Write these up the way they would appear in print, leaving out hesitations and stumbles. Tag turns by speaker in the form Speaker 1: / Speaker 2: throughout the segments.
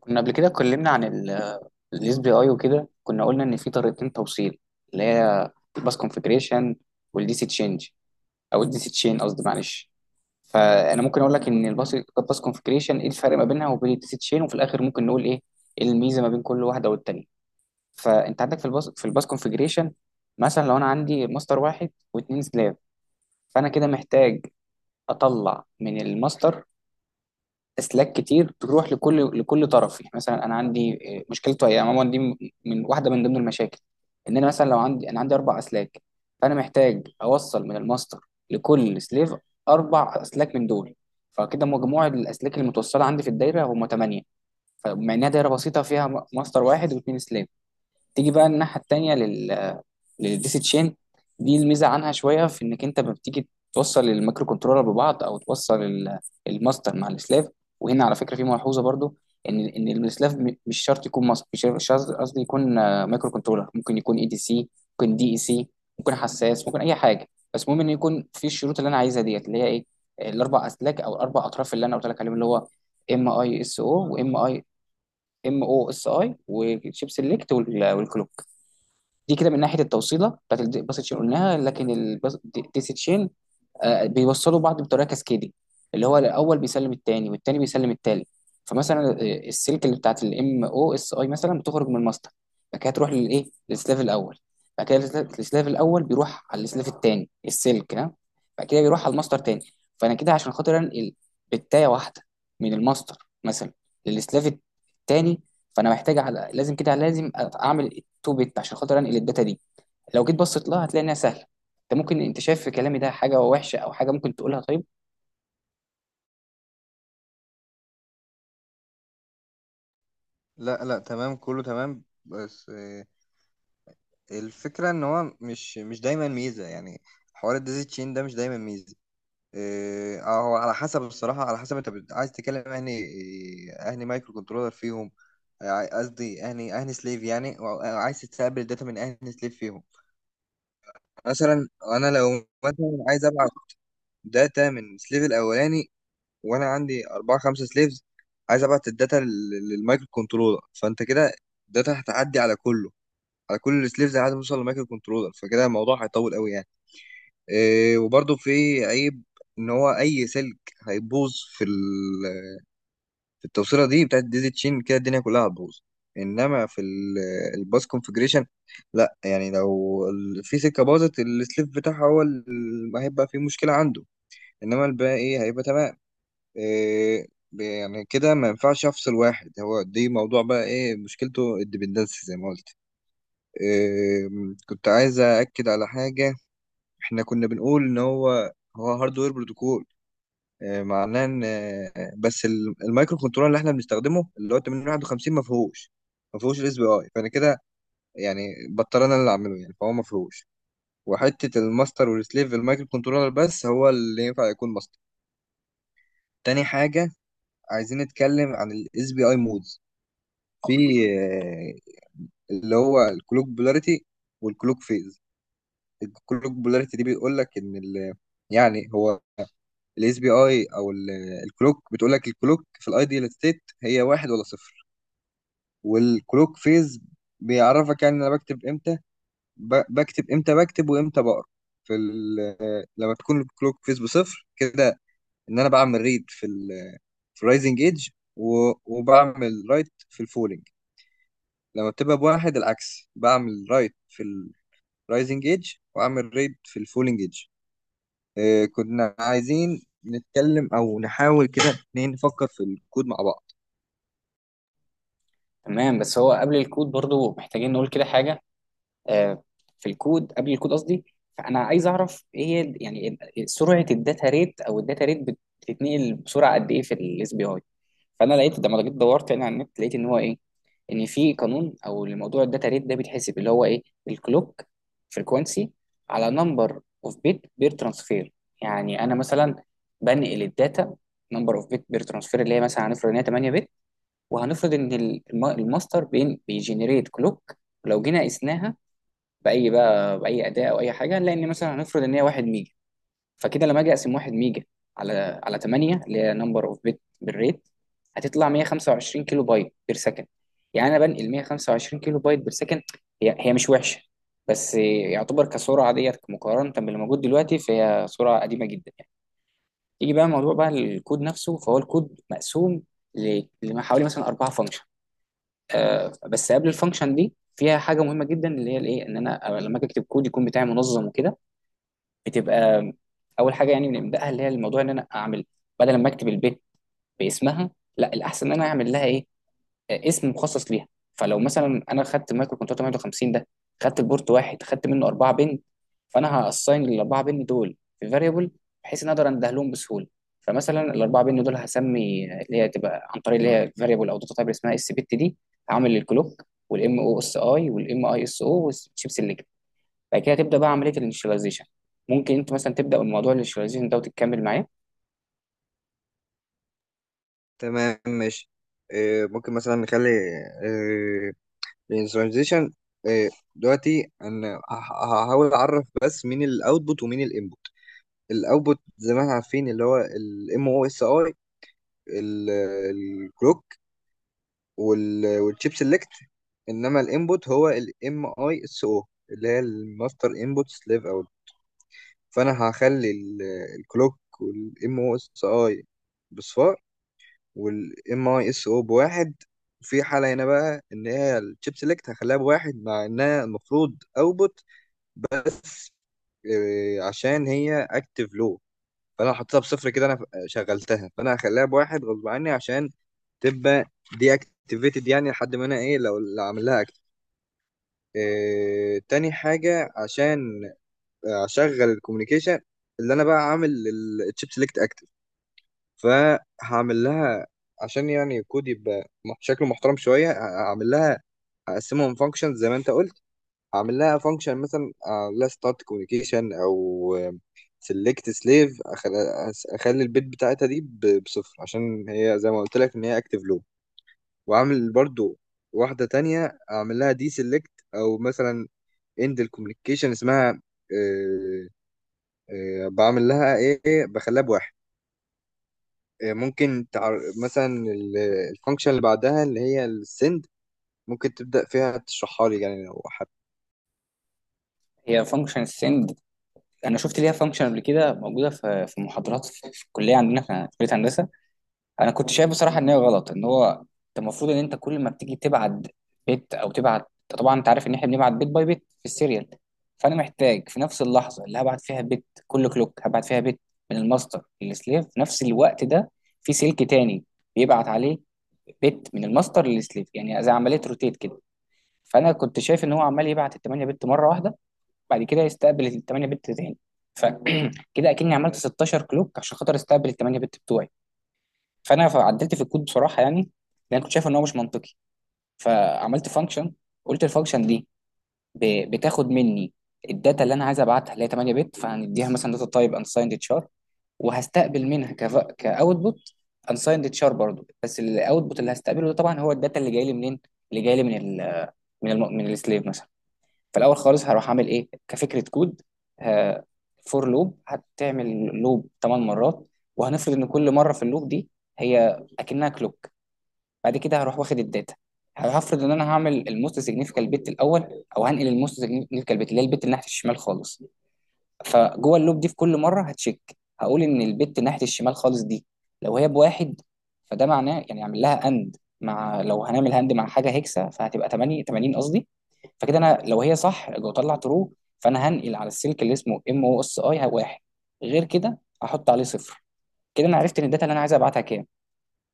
Speaker 1: كنا قبل كده اتكلمنا عن الاس بي اي وكده كنا قلنا ان في طريقتين توصيل اللي هي الباس كونفجريشن والدي سي تشينج او الدي سي تشين، قصدي معلش. فانا ممكن اقول لك ان الباس كونفجريشن ايه الفرق ما بينها وبين الدي سي تشين، وفي الاخر ممكن نقول ايه الميزه ما بين كل واحده والتانيه. فانت عندك في الباس كونفجريشن، مثلا لو انا عندي ماستر واحد واثنين سلاف، فانا كده محتاج اطلع من الماستر اسلاك كتير تروح لكل طرف. يعني مثلا انا عندي مشكلته هي عموما دي من واحده من ضمن المشاكل، ان انا مثلا لو عندي انا عندي اربع اسلاك، فانا محتاج اوصل من الماستر لكل سليف اربع اسلاك من دول، فكده مجموع الاسلاك المتوصله عندي في الدايره هم ثمانيه، فمع انها دايره بسيطه فيها ماستر واحد واثنين سليف. تيجي بقى الناحيه التانيه للديسي تشين، دي الميزه عنها شويه في انك انت ما بتيجي توصل المايكرو كنترولر ببعض او توصل الماستر مع السلاف. وهنا على فكره في ملحوظه برضو، ان ان السلاف مش شرط يكون ماستر، مش شرط قصدي يكون مايكرو كنترولر، ممكن يكون اي دي سي، ممكن دي اي سي، ممكن حساس، ممكن اي حاجه. بس المهم ان يكون في الشروط اللي انا عايزها ديت اللي هي ايه، الاربع اسلاك او الاربع اطراف اللي انا قلت لك عليهم، اللي هو ام اي اس او، وام اي ام او اس اي، وشيب سيلكت، والكلوك. دي كده من ناحيه التوصيله بتاعت الباس تشين قلناها، لكن ديسي تشين بيوصلوا بعض بطريقه كاسكيدي، اللي هو الاول بيسلم التاني والتاني بيسلم التالت. فمثلا السلك اللي بتاعت الام او اس اي مثلا بتخرج من الماستر، بعد كده تروح للايه للسلاف الاول، بعد كده السلاف الاول بيروح على السلاف التاني السلك ها، بعد كده بيروح على الماستر تاني. فانا كده عشان خاطر انقل بتايه واحده من الماستر مثلا للسلاف التاني، فانا محتاج على لازم كده لازم اعمل التو بت عشان خاطر انقل الداتا دي. لو جيت بصيت لها هتلاقي انها سهله. انت شايف في كلامي ده حاجه وحشه او حاجه ممكن تقولها؟ طيب،
Speaker 2: لا، لا تمام، كله تمام. بس الفكرة ان هو مش دايما ميزة يعني. حوار الديزي تشين ده مش دايما ميزة. هو على حسب. الصراحة على حسب انت عايز تتكلم اهني، اهني مايكرو كنترولر فيهم. قصدي اهني سليف يعني أو عايز تستقبل الداتا من اهني سليف فيهم. مثلا انا لو مثلا عايز ابعت داتا من السليف الاولاني، وانا عندي اربعة خمسة سليفز، عايز ابعت الداتا للمايكرو كنترولر، فانت كده الداتا هتعدي على كله، على كل السليفز لحد ما نوصل لمايكرو كنترولر، فكده الموضوع هيطول قوي يعني. إيه وبرده في عيب ان هو اي سلك هيبوظ في في التوصيله دي بتاعت ديزي تشين، كده الدنيا كلها هتبوظ. انما في الباس كونفجريشن لا، يعني لو في سكه باظت السليف بتاعها هو اللي هيبقى فيه مشكله عنده، انما الباقي ايه هيبقى تمام. إيه يعني كده ما ينفعش افصل واحد، هو دي موضوع بقى ايه مشكلته، الديبندنسي زي ما قلت. كنت عايز أأكد على حاجة. إحنا كنا بنقول إن هو هاردوير بروتوكول. معناه إن بس المايكرو كنترولر اللي إحنا بنستخدمه اللي هو 8051 ما فيهوش الاس بي أي. فأنا كده يعني بضطر أنا اللي أعمله يعني، فهو ما فيهوش. وحتة الماستر والسليف المايكرو كنترولر بس هو اللي ينفع يكون ماستر. تاني حاجة عايزين نتكلم عن الاس بي أي مودز. في آه، اللي هو الكلوك بولاريتي والكلوك فيز. الكلوك بولاريتي دي بيقول لك ان ال، يعني هو الاس بي اي او الكلوك بتقول لك الكلوك في الايديال ستيت هي واحد ولا صفر. والكلوك فيز بيعرفك يعني انا بكتب امتى، بكتب امتى بكتب وامتى بقرا. في ال... لما تكون الكلوك فيز بصفر كده، ان انا بعمل ريد في ال، في الرايزنج ايدج وبعمل رايت في الفولينج. لما بتبقى بواحد العكس، بعمل رايت في الرايزنج ايدج واعمل ريد في الفولينج ايدج. كنا عايزين نتكلم او نحاول كده اتنين نفكر في الكود مع بعض.
Speaker 1: تمام، بس هو قبل الكود برضو محتاجين نقول كده حاجه. آه، في قبل الكود قصدي، فانا عايز اعرف ايه هي يعني سرعه الداتا ريت، او الداتا ريت بتتنقل بسرعه قد ايه في الاس بي اي. فانا لقيت لما جيت دورت يعني على النت لقيت ان هو ايه، ان في قانون او الموضوع الداتا ريت ده بيتحسب اللي هو ايه، الكلوك فريكوانسي على نمبر اوف بيت بير ترانسفير. يعني انا مثلا بنقل الداتا، نمبر اوف بيت بير ترانسفير اللي هي مثلا هنفرض ان هي 8 بت، وهنفرض ان الماستر بين بيجنريت كلوك، لو جينا قسناها باي بقى باي اداه او اي حاجه، هنلاقي ان مثلا هنفرض ان هي 1 ميجا. فكده لما اجي اقسم 1 ميجا على 8 اللي هي نمبر اوف بت بالريت، هتطلع 125 كيلو بايت بير سكند. يعني انا بنقل 125 كيلو بايت بير سكند، هي هي مش وحشه، بس يعتبر كسرعه ديت مقارنه باللي موجود دلوقتي فهي سرعه قديمه جدا يعني. يجي بقى موضوع بقى الكود نفسه، فهو الكود مقسوم لحوالي مثلا اربعه فانكشن. بس قبل الفانكشن دي فيها حاجه مهمه جدا اللي هي الايه، ان انا لما اجي اكتب كود يكون بتاعي منظم وكده، بتبقى اول حاجه يعني بنبداها اللي هي الموضوع ان انا اعمل بدل ما اكتب البيت باسمها، لا الاحسن ان انا اعمل لها ايه، اسم مخصص ليها. فلو مثلا انا خدت مايكرو كنترول 850 ده، خدت البورت واحد، خدت منه اربعه بن، فانا هاساين الاربعه بن دول في فاريبل بحيث ان اقدر انده لهم بسهوله. فمثلا الاربعه بن دول هسمي اللي هي تبقى عن طريق اللي هي فاريبل او داتا تايب اسمها اس بت دي، هعمل الكلوك والام او اس اي والام اي اس او والشيب. بعد كده تبدا بقى عمليه الانشاليزيشن، ممكن انت مثلا تبدا بموضوع الانشاليزيشن ده وتكمل معاه.
Speaker 2: تمام ماشي. ممكن مثلا نخلي الترانزيشن. دلوقتي انا هحاول اعرف بس مين الاوتبوت ومين الانبوت. الاوتبوت زي ما احنا عارفين اللي هو الام او اس اي، الكلوك، والتشيب سيلكت. انما الانبوت هو الام اي اس او، اللي هي الماستر انبوت سليف. فانا هخلي الكلوك والام او اس اي بصفار، والام اي اس او بواحد. وفي حالة هنا بقى ان هي الشيب سيلكت هخليها بواحد مع انها المفروض اوبوت. عشان هي اكتف لو، فانا حطيتها بصفر كده انا شغلتها، فانا هخليها بواحد غصب عني عشان تبقى دي اكتيفيتد، يعني لحد ما انا ايه لو اللي عامل لها اكتف. إيه تاني حاجه عشان اشغل الكوميونيكيشن اللي انا بقى عامل الشيب سيلكت، فهعمل لها عشان يعني الكود يبقى شكله محترم شويه. هعمل لها هقسمهم فانكشنز زي ما انت قلت. هعمل لها فانكشن مثلا، اعمل لها ستارت كوميونيكيشن او سيلكت سليف، اخلي البيت بتاعتها دي بصفر عشان هي زي ما قلت لك ان هي اكتف لو. واعمل برضو واحده تانية، اعمل لها دي سيلكت او مثلا اند الكوميونيكيشن اسمها. آه، بعمل لها ايه، بخليها بواحد. ممكن مثلا الفانكشن اللي بعدها اللي هي السند ممكن تبدأ فيها تشرحها لي يعني لو حابب.
Speaker 1: هي فانكشن السند، انا شفت ليها فانكشن قبل كده موجوده في محاضرات في الكليه عندنا، في كليه هندسه. انا كنت شايف بصراحه ان هي غلط، ان هو انت المفروض ان انت كل ما بتيجي تبعت بيت او تبعت، أنت طبعا انت عارف ان احنا بنبعت بيت باي بيت في السيريال، فانا محتاج في نفس اللحظه اللي هبعت فيها بيت كل كلوك هبعت فيها بيت من الماستر للسليف، في نفس الوقت ده في سلك تاني بيبعت عليه بيت من الماستر للسليف، يعني زي عمليه روتيت كده. فانا كنت شايف ان هو عمال يبعت ال 8 بت مره واحده، بعد كده يستقبل ال 8 بت تاني، فكده اكني عملت 16 كلوك عشان خاطر استقبل ال 8 بت بتوعي. فانا عدلت في الكود بصراحه يعني، لان أنا كنت شايف ان هو مش منطقي. فعملت فانكشن، قلت الفانكشن دي بتاخد مني الداتا اللي انا عايز ابعتها اللي هي 8 بت، فهنديها مثلا داتا تايب انسايند تشار، وهستقبل منها كاوتبوت انسايند تشار برضو، بس الاوتبوت اللي هستقبله ده طبعا هو الداتا اللي جاي لي منين، اللي جاي لي من من السليف مثلا. فالاول خالص هروح اعمل ايه كفكره كود، فور لوب هتعمل لوب 8 مرات، وهنفرض ان كل مره في اللوب دي هي اكنها كلوك. بعد كده هروح واخد الداتا، هفرض ان انا هعمل الموست سيجنيفيكال بت الاول، او هنقل الموست سيجنيفيكال بت اللي هي البت اللي ناحيه الشمال خالص. فجوه اللوب دي في كل مره هتشيك، هقول ان البت ناحيه الشمال خالص دي لو هي بواحد، فده معناه يعني اعمل لها اند، مع لو هنعمل هند مع حاجه هيكسا فهتبقى 8 80 قصدي، فكده انا لو هي صح لو طلع ترو، فانا هنقل على السلك اللي اسمه ام او اس اي واحد، غير كده هحط عليه صفر. كده انا عرفت ان الداتا اللي انا عايز ابعتها كام،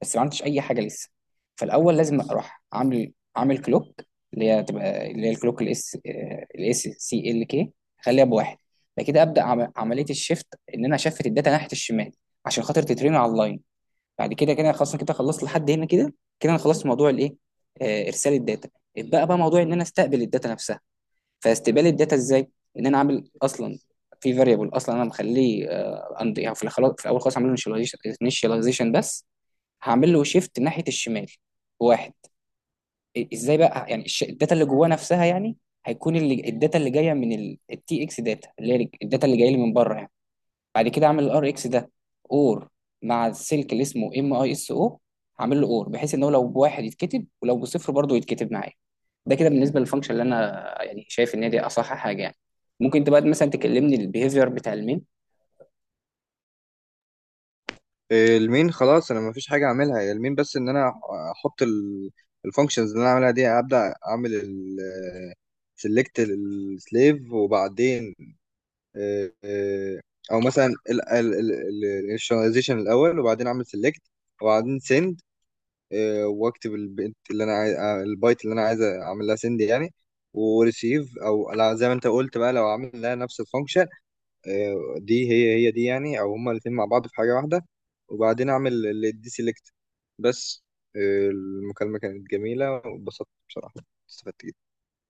Speaker 1: بس ما عملتش اي حاجه لسه. فالاول لازم اروح عامل كلوك اللي هي تبقى اللي هي الكلوك الاس، الاس سي ال كي، اخليها بواحد، بعد كده ابدا عمليه الشيفت، ان انا اشفت الداتا ناحيه الشمال عشان خاطر تترين على اللاين. بعد كده كده خلاص، أنا كده خلصت لحد هنا كده. كده انا خلصت موضوع الايه، ارسال الداتا. اتبقى بقى موضوع ان انا استقبل الداتا نفسها، فاستقبال الداتا ازاي، ان انا عامل اصلا في فاريبل اصلا انا مخليه يعني في في الاول خالص عامل له initialization بس، هعمل له شيفت ناحيه الشمال واحد. ازاي بقى يعني الداتا اللي جواه نفسها يعني، هيكون اللي الداتا اللي جايه من التي اكس داتا اللي هي الداتا اللي جايه لي من بره يعني. بعد كده اعمل الار اكس ده اور مع السلك اللي اسمه ام اي اس او، هعمل له اور بحيث ان هو لو بواحد يتكتب ولو بصفر برضه يتكتب معايا. ده كده بالنسبه للفانكشن اللي انا يعني شايف ان هي دي اصح حاجه يعني. ممكن انت بقى مثلا تكلمني البيهيفير بتاع المين؟
Speaker 2: المين خلاص انا مفيش حاجة اعملها، هي المين بس ان انا احط الفانكشنز اللي انا اعملها دي، ابدأ اعمل ال سيلكت السليف، وبعدين آه، آه، او مثلا الانيشاليزيشن الاول، وبعدين اعمل سيلكت، وبعدين send. واكتب البنت اللي انا عايز البايت اللي انا عايز اعمل لها سند يعني. وريسيف او لا زي ما انت قلت بقى لو عامل لها نفس الفانكشن. دي هي، هي دي يعني، او هما الاثنين مع بعض في حاجه واحده. وبعدين اعمل الدي سيلكت بس. المكالمه كانت جميله واتبسطت بصراحه، استفدت جدا.